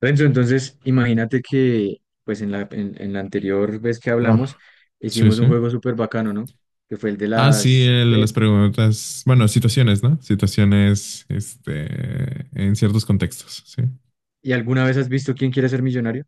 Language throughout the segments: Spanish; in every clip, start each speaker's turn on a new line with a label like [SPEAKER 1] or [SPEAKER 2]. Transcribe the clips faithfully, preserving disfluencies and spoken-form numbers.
[SPEAKER 1] Renzo, entonces imagínate que pues en la, en, en la anterior vez que hablamos
[SPEAKER 2] Ah, sí,
[SPEAKER 1] hicimos un
[SPEAKER 2] sí.
[SPEAKER 1] juego súper bacano, ¿no? Que fue el de
[SPEAKER 2] Ah, sí,
[SPEAKER 1] las.
[SPEAKER 2] el de
[SPEAKER 1] eh,
[SPEAKER 2] las preguntas, bueno, situaciones, ¿no? Situaciones, este, en ciertos contextos, sí.
[SPEAKER 1] ¿Y alguna vez has visto quién quiere ser millonario?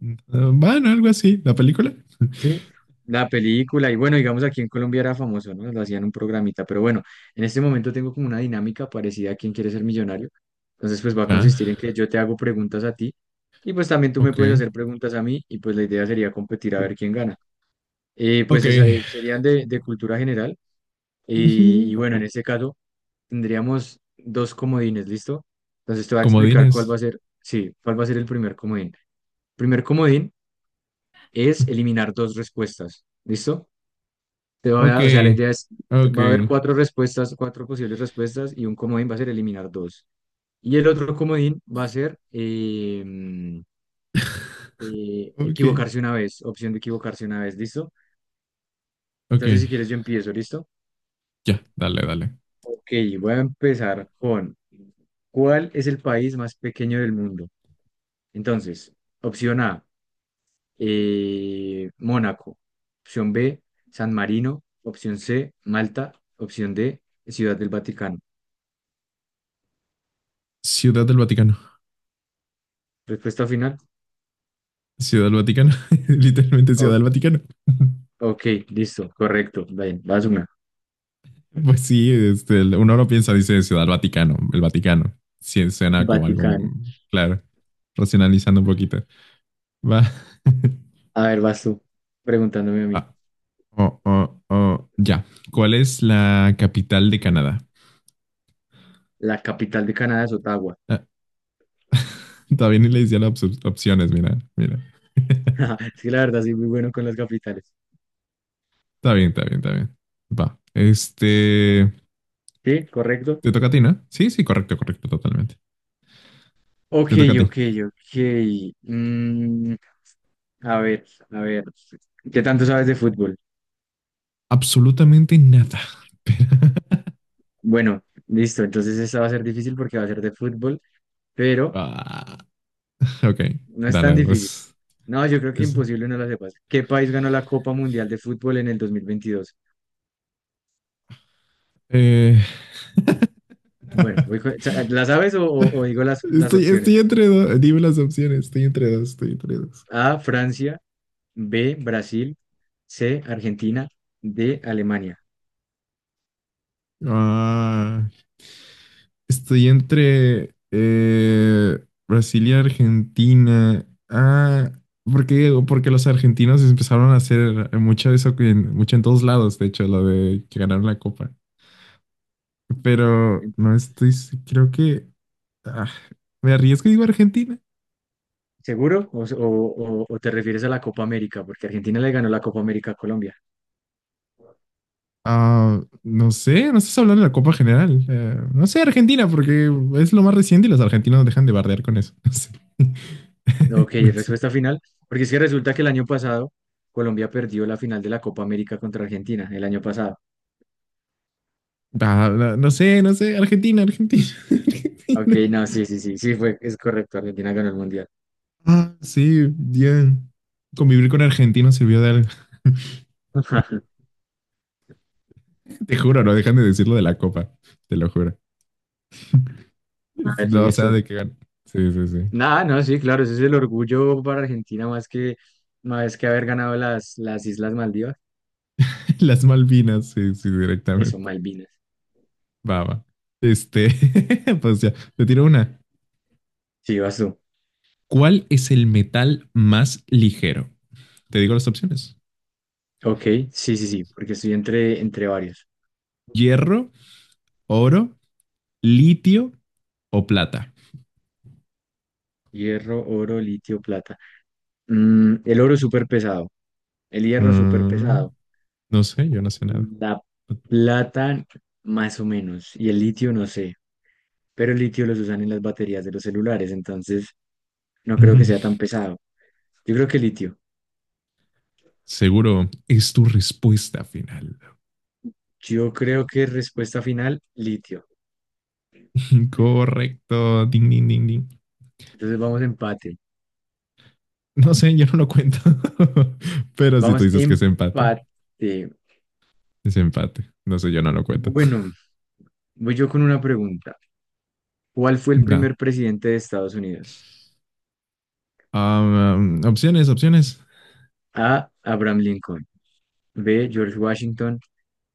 [SPEAKER 2] Eh, Bueno, algo así, la película.
[SPEAKER 1] Sí, la película. Y bueno, digamos aquí en Colombia era famoso, ¿no? Lo hacían un programita. Pero bueno, en este momento tengo como una dinámica parecida a quién quiere ser millonario. Entonces pues va a
[SPEAKER 2] Ya,
[SPEAKER 1] consistir en que yo te hago preguntas a ti y pues también tú me
[SPEAKER 2] ok,
[SPEAKER 1] puedes hacer preguntas a mí y pues la idea sería competir a ver quién gana. Eh, pues
[SPEAKER 2] ok.
[SPEAKER 1] esa, eh, serían de de cultura general. Y,
[SPEAKER 2] Ujú.
[SPEAKER 1] y bueno, en este caso tendríamos dos comodines, ¿listo? Entonces te voy a explicar cuál
[SPEAKER 2] Comodines.
[SPEAKER 1] va a ser, sí, cuál va a ser el primer comodín. Primer comodín es eliminar dos respuestas, ¿listo? Te voy
[SPEAKER 2] Ok,
[SPEAKER 1] a- o sea, la idea es,
[SPEAKER 2] ok,
[SPEAKER 1] va a haber cuatro respuestas, cuatro posibles respuestas y un comodín va a ser eliminar dos. Y el otro comodín va a ser em, eh,
[SPEAKER 2] ok,
[SPEAKER 1] equivocarse una vez, opción de equivocarse una vez, ¿listo?
[SPEAKER 2] ok.
[SPEAKER 1] Entonces, si quieres, yo empiezo, ¿listo?
[SPEAKER 2] Ya, dale, dale.
[SPEAKER 1] Ok, voy a empezar con ¿cuál es el país más pequeño del mundo? Entonces, opción A, eh, Mónaco. Opción B, San Marino. Opción C, Malta. Opción D, Ciudad del Vaticano.
[SPEAKER 2] Ciudad del Vaticano.
[SPEAKER 1] Respuesta final.
[SPEAKER 2] Ciudad del Vaticano. Literalmente Ciudad
[SPEAKER 1] O-
[SPEAKER 2] del Vaticano.
[SPEAKER 1] Ok, listo, correcto. Bien, vas una.
[SPEAKER 2] Pues sí, este, el- uno no piensa, dice Ciudad Vaticano, el Vaticano. Sí, suena como algo,
[SPEAKER 1] Vaticano.
[SPEAKER 2] claro, racionalizando un poquito. Va.
[SPEAKER 1] A ver, vas tú preguntándome a
[SPEAKER 2] Va.
[SPEAKER 1] mí.
[SPEAKER 2] Oh, oh, oh. Ya. ¿Cuál es la capital de Canadá?
[SPEAKER 1] La capital de Canadá es Ottawa.
[SPEAKER 2] Ah, todavía ni le decía las op- opciones, mira, mira.
[SPEAKER 1] Es que la verdad soy muy bueno con las capitales.
[SPEAKER 2] Está bien, está bien, está bien. Va. Este,
[SPEAKER 1] ¿Sí? ¿Correcto?
[SPEAKER 2] te toca a ti, ¿no? Sí, sí, correcto, correcto, totalmente.
[SPEAKER 1] Ok,
[SPEAKER 2] Te toca a ti.
[SPEAKER 1] ok, ok. Mm, A ver, a ver, ¿qué tanto sabes de fútbol?
[SPEAKER 2] Absolutamente nada. Pero-
[SPEAKER 1] Bueno, listo, entonces esta va a ser difícil porque va a ser de fútbol, pero
[SPEAKER 2] Ah, ok,
[SPEAKER 1] no es tan
[SPEAKER 2] dale,
[SPEAKER 1] difícil.
[SPEAKER 2] pues.
[SPEAKER 1] No, yo creo que
[SPEAKER 2] Eso.
[SPEAKER 1] imposible no la sepas. ¿Qué país ganó la Copa Mundial de Fútbol en el dos mil veintidós?
[SPEAKER 2] Eh,
[SPEAKER 1] Bueno, voy con- ¿la sabes o, o- o digo las, las
[SPEAKER 2] estoy,
[SPEAKER 1] opciones?
[SPEAKER 2] estoy entre dos. Dime las opciones. Estoy entre dos. Estoy entre dos.
[SPEAKER 1] A, Francia, B, Brasil, C, Argentina, D, Alemania.
[SPEAKER 2] Ah, estoy entre eh, Brasil y Argentina. Ah, porque, porque los argentinos empezaron a hacer mucho de eso en, mucho en todos lados, de hecho, lo de que ganaron la copa. Pero no
[SPEAKER 1] Entonces,
[SPEAKER 2] estoy, s- creo que ah, me arriesgo y digo Argentina.
[SPEAKER 1] ¿seguro? ¿O, o o- o te refieres a la Copa América? Porque Argentina le ganó la Copa América a Colombia.
[SPEAKER 2] Ah, no sé, no estás hablando de la Copa General. Eh, no sé, Argentina, porque es lo más reciente y los argentinos no dejan de bardear con eso. No sé.
[SPEAKER 1] Ok,
[SPEAKER 2] No sé.
[SPEAKER 1] respuesta final, porque es que resulta que el año pasado Colombia perdió la final de la Copa América contra Argentina, el año pasado.
[SPEAKER 2] Ah, no, no sé, no sé. Argentina, Argentina,
[SPEAKER 1] Ok,
[SPEAKER 2] Argentina.
[SPEAKER 1] no, sí, sí, sí, sí, fue, es correcto, Argentina ganó el Mundial.
[SPEAKER 2] Ah, sí, bien. Convivir con argentinos sirvió de algo. Te juro, no dejan de decirlo de la Copa. Te lo juro.
[SPEAKER 1] Ah,
[SPEAKER 2] No, o sea,
[SPEAKER 1] listo.
[SPEAKER 2] de que gan- Sí, sí, sí.
[SPEAKER 1] Nada, no, sí, claro, ese es el orgullo para Argentina más que, más que haber ganado las, las Islas Maldivas.
[SPEAKER 2] Las Malvinas, sí, sí,
[SPEAKER 1] Eso,
[SPEAKER 2] directamente.
[SPEAKER 1] Malvinas.
[SPEAKER 2] Va, va. Este, pues ya, te tiro una.
[SPEAKER 1] Sí, vas tú.
[SPEAKER 2] ¿Cuál es el metal más ligero? Te digo las opciones.
[SPEAKER 1] Ok, sí, sí, sí, porque estoy entre, entre varios.
[SPEAKER 2] Hierro, oro, litio o plata.
[SPEAKER 1] Hierro, oro, litio, plata. Mm, el oro súper pesado, el hierro súper
[SPEAKER 2] Mm,
[SPEAKER 1] pesado.
[SPEAKER 2] no sé, yo no sé nada.
[SPEAKER 1] La plata, más o menos, y el litio, no sé, pero el litio los usan en las baterías de los celulares, entonces no creo que sea tan pesado. Yo creo que litio.
[SPEAKER 2] Seguro es tu respuesta final.
[SPEAKER 1] Yo creo que respuesta final, litio.
[SPEAKER 2] Correcto. Ding, ding, ding, ding.
[SPEAKER 1] Entonces vamos empate.
[SPEAKER 2] No sé, yo no lo cuento. Pero si tú
[SPEAKER 1] Vamos
[SPEAKER 2] dices que es empate,
[SPEAKER 1] empate.
[SPEAKER 2] es empate. No sé, yo no lo cuento.
[SPEAKER 1] Bueno, voy yo con una pregunta. ¿Cuál fue el
[SPEAKER 2] No.
[SPEAKER 1] primer presidente de Estados Unidos?
[SPEAKER 2] Um, um, opciones, opciones.
[SPEAKER 1] A. Abraham Lincoln. B. George Washington.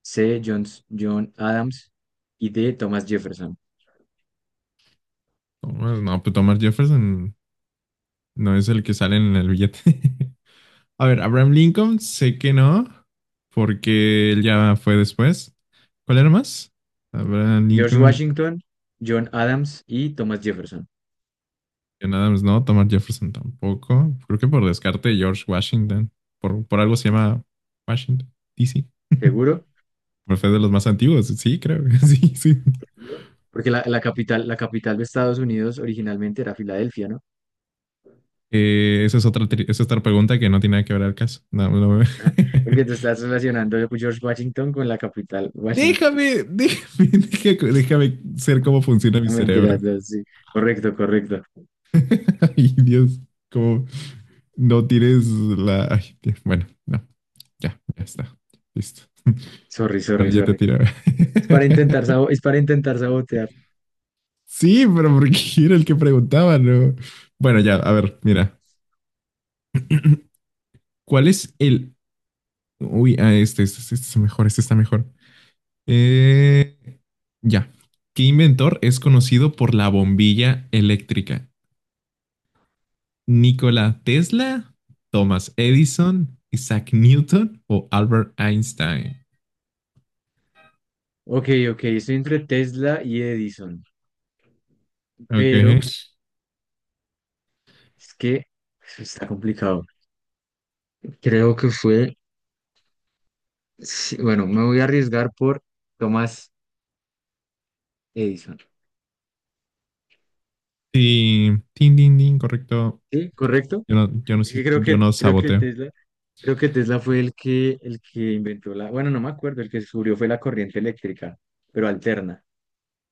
[SPEAKER 1] C. John, John Adams. Y D. Thomas Jefferson.
[SPEAKER 2] No, no, pues Thomas Jefferson no es el que sale en el billete. A ver, Abraham Lincoln, sé que no, porque él ya fue después. ¿Cuál era más? Abraham
[SPEAKER 1] George
[SPEAKER 2] Lincoln,
[SPEAKER 1] Washington, John Adams y Thomas Jefferson.
[SPEAKER 2] John Adams no, Thomas Jefferson tampoco. Creo que por descarte George Washington. Por, por algo se llama Washington, D C.
[SPEAKER 1] ¿Seguro?
[SPEAKER 2] Por ser de los más antiguos, sí, creo. Sí, sí.
[SPEAKER 1] Porque la, la capital, la capital de Estados Unidos originalmente era Filadelfia, ¿no?
[SPEAKER 2] Eh, esa es otra, tri- esa es otra pregunta que no tiene nada que ver al caso. No, no.
[SPEAKER 1] Porque te estás relacionando a George Washington con la capital Washington.
[SPEAKER 2] Déjame, déjame, déjame, déjame ser cómo funciona mi
[SPEAKER 1] No me
[SPEAKER 2] cerebro.
[SPEAKER 1] mentiras, no, sí. Correcto, correcto.
[SPEAKER 2] Ay, Dios, cómo, no tires la, ay, Dios, bueno, no, ya, ya está. Listo.
[SPEAKER 1] Sorry,
[SPEAKER 2] A ver,
[SPEAKER 1] sorry,
[SPEAKER 2] yo te
[SPEAKER 1] sorry.
[SPEAKER 2] tiro.
[SPEAKER 1] Es para intentar, sabo- es para intentar sabotear.
[SPEAKER 2] Sí, pero porque era el que preguntaba, ¿no? Bueno, ya, a ver, mira. ¿Cuál es el? Uy, ah, este, este, este está mejor, este está mejor. Eh, ya. ¿Qué inventor es conocido por la bombilla eléctrica? ¿Nikola Tesla, Thomas Edison, Isaac Newton o Albert Einstein?
[SPEAKER 1] Ok, ok, estoy entre Tesla y Edison,
[SPEAKER 2] Ok.
[SPEAKER 1] pero es que eso está complicado. Creo que fue, sí, bueno, me voy a arriesgar por Thomas Edison.
[SPEAKER 2] Sí, tin, tin, tin, correcto.
[SPEAKER 1] ¿Sí? ¿Correcto?
[SPEAKER 2] Yo no, yo no,
[SPEAKER 1] Es que
[SPEAKER 2] si-
[SPEAKER 1] creo
[SPEAKER 2] yo
[SPEAKER 1] que,
[SPEAKER 2] no
[SPEAKER 1] creo que
[SPEAKER 2] saboteo.
[SPEAKER 1] Tesla, creo que Tesla fue el que, el que inventó la, bueno, no me acuerdo, el que descubrió fue la corriente eléctrica, pero alterna.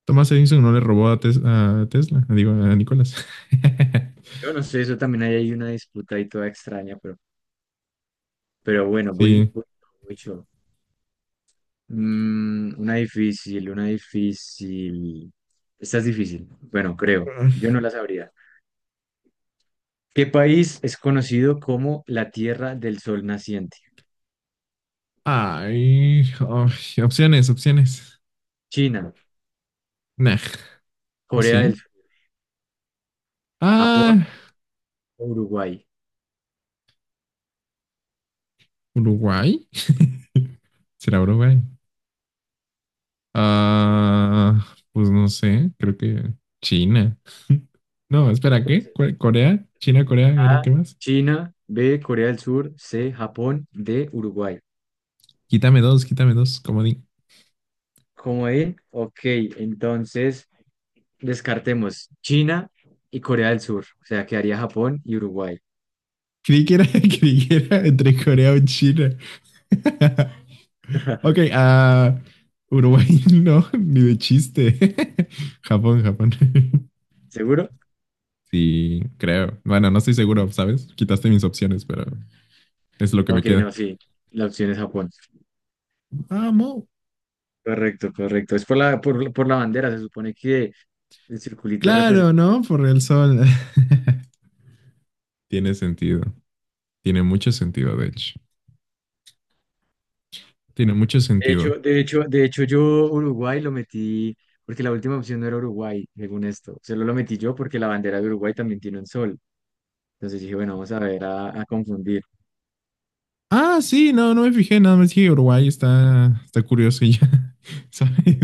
[SPEAKER 2] Thomas Edison no le robó a, Tes- a Tesla, digo, a Nicolás.
[SPEAKER 1] Yo no sé, eso también hay ahí una disputa ahí toda extraña, pero, pero bueno, voy,
[SPEAKER 2] Sí.
[SPEAKER 1] voy, voy yo. Mm, una difícil, una difícil. Esta es difícil, bueno, creo. Yo no la sabría. ¿Qué país es conocido como la Tierra del Sol Naciente?
[SPEAKER 2] Ay, ay, opciones, opciones.
[SPEAKER 1] China,
[SPEAKER 2] Nah, ¿o
[SPEAKER 1] Corea del
[SPEAKER 2] sí?
[SPEAKER 1] Sur,
[SPEAKER 2] Ah,
[SPEAKER 1] Japón o Uruguay.
[SPEAKER 2] Uruguay. ¿Será Uruguay? Ah, pues no sé, creo que China. No, espera, ¿qué? ¿Cuál- ¿Corea? ¿China, Corea? ¿Era
[SPEAKER 1] A,
[SPEAKER 2] qué más?
[SPEAKER 1] China, B, Corea del Sur, C, Japón, D, Uruguay.
[SPEAKER 2] Quítame dos, quítame dos, comodín.
[SPEAKER 1] Como ahí, ok, entonces descartemos China y Corea del Sur, o sea, quedaría Japón y Uruguay.
[SPEAKER 2] Creí que era, creí que era entre Corea o China. Ok, ah, Uruguay no, ni de chiste. Japón, Japón.
[SPEAKER 1] ¿Seguro?
[SPEAKER 2] Sí, creo. Bueno, no estoy seguro, ¿sabes? Quitaste mis opciones, pero es lo que me
[SPEAKER 1] Ok,
[SPEAKER 2] queda.
[SPEAKER 1] no, sí, la opción es Japón.
[SPEAKER 2] Vamos.
[SPEAKER 1] Correcto, correcto. Es por la, por, por la bandera, se supone que el circulito
[SPEAKER 2] Claro,
[SPEAKER 1] representa.
[SPEAKER 2] ¿no? Por el sol. Tiene sentido. Tiene mucho sentido, de hecho. Tiene mucho
[SPEAKER 1] De
[SPEAKER 2] sentido.
[SPEAKER 1] hecho, de hecho, de hecho, yo Uruguay lo metí porque la última opción no era Uruguay, según esto. Solo lo metí yo porque la bandera de Uruguay también tiene un sol. Entonces dije, bueno, vamos a ver a, a confundir.
[SPEAKER 2] Ah, sí, no, no me fijé, nada más que Uruguay está, está curioso y ya, ¿sabes?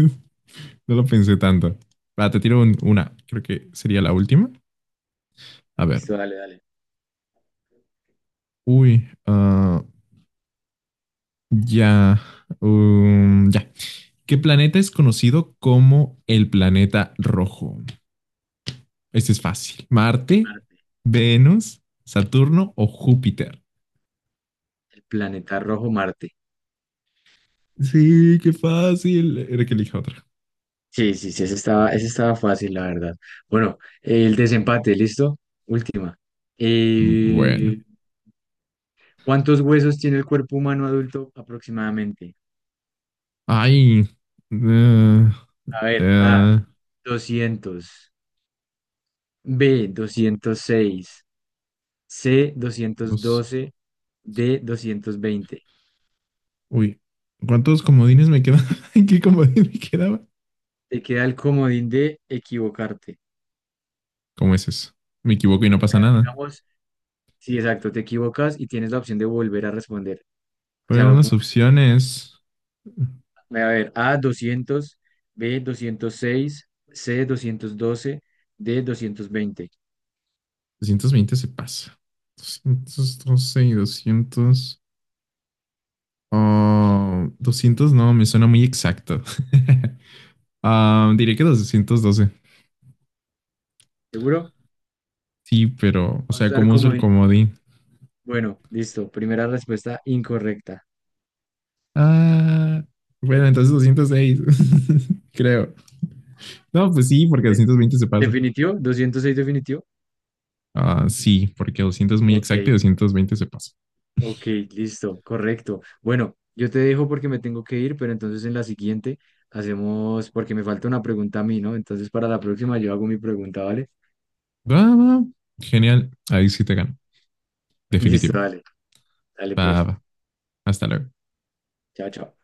[SPEAKER 2] No lo pensé tanto. Va, te tiro un- una. Creo que sería la última. A ver.
[SPEAKER 1] Listo, dale, dale.
[SPEAKER 2] Uy, ah, ya. um, ya. ¿Qué planeta es conocido como el planeta rojo? Este es fácil. ¿Marte,
[SPEAKER 1] Marte.
[SPEAKER 2] Venus, Saturno o Júpiter?
[SPEAKER 1] El planeta rojo Marte.
[SPEAKER 2] Sí, qué fácil. Era que elija otra.
[SPEAKER 1] Sí, sí, sí, ese estaba, ese estaba fácil, la verdad. Bueno, el desempate, ¿listo? Última.
[SPEAKER 2] Bueno.
[SPEAKER 1] Eh, ¿cuántos huesos tiene el cuerpo humano adulto aproximadamente?
[SPEAKER 2] Ay. eh,
[SPEAKER 1] A ver, A,
[SPEAKER 2] eh,
[SPEAKER 1] doscientos, B, doscientos seis, C, doscientos
[SPEAKER 2] los-
[SPEAKER 1] doce, D, doscientos veinte.
[SPEAKER 2] Uy. ¿Cuántos comodines me quedaban? ¿Qué comodín me quedaba?
[SPEAKER 1] Te queda el comodín de equivocarte. O
[SPEAKER 2] ¿Cómo es eso? Me equivoco y no
[SPEAKER 1] sea,
[SPEAKER 2] pasa nada.
[SPEAKER 1] digamos, sí, exacto, te equivocas y tienes la opción de volver a responder. O
[SPEAKER 2] ¿Cuáles
[SPEAKER 1] sea,
[SPEAKER 2] eran
[SPEAKER 1] como,
[SPEAKER 2] las opciones?
[SPEAKER 1] voy a ver, A, doscientos, B, doscientos seis, C, doscientos doce, D, doscientos veinte.
[SPEAKER 2] Doscientos veinte se pasa. Doscientos doce y doscientos. Ah, doscientos no, me suena muy exacto. Ah, diré que doscientos doce.
[SPEAKER 1] ¿Seguro?
[SPEAKER 2] Sí, pero, o
[SPEAKER 1] Vamos a
[SPEAKER 2] sea,
[SPEAKER 1] usar
[SPEAKER 2] ¿cómo uso el
[SPEAKER 1] comodín, ¿no?
[SPEAKER 2] comodín?
[SPEAKER 1] Bueno, listo. Primera respuesta incorrecta.
[SPEAKER 2] Ah, bueno, entonces doscientos seis, creo. No, pues sí, porque
[SPEAKER 1] De-
[SPEAKER 2] doscientos veinte se pasa.
[SPEAKER 1] ¿Definitivo? ¿Doscientos seis definitivo?
[SPEAKER 2] Ah, sí, porque doscientos es muy
[SPEAKER 1] Ok.
[SPEAKER 2] exacto y doscientos veinte se pasa.
[SPEAKER 1] Ok, listo, correcto. Bueno, yo te dejo porque me tengo que ir, pero entonces en la siguiente hacemos, porque me falta una pregunta a mí, ¿no? Entonces para la próxima yo hago mi pregunta, ¿vale?
[SPEAKER 2] Va, va. Genial. Ahí sí te gano.
[SPEAKER 1] Listo,
[SPEAKER 2] Definitivo.
[SPEAKER 1] dale, dale
[SPEAKER 2] Va,
[SPEAKER 1] pues.
[SPEAKER 2] va. Hasta luego.
[SPEAKER 1] Chao, chao.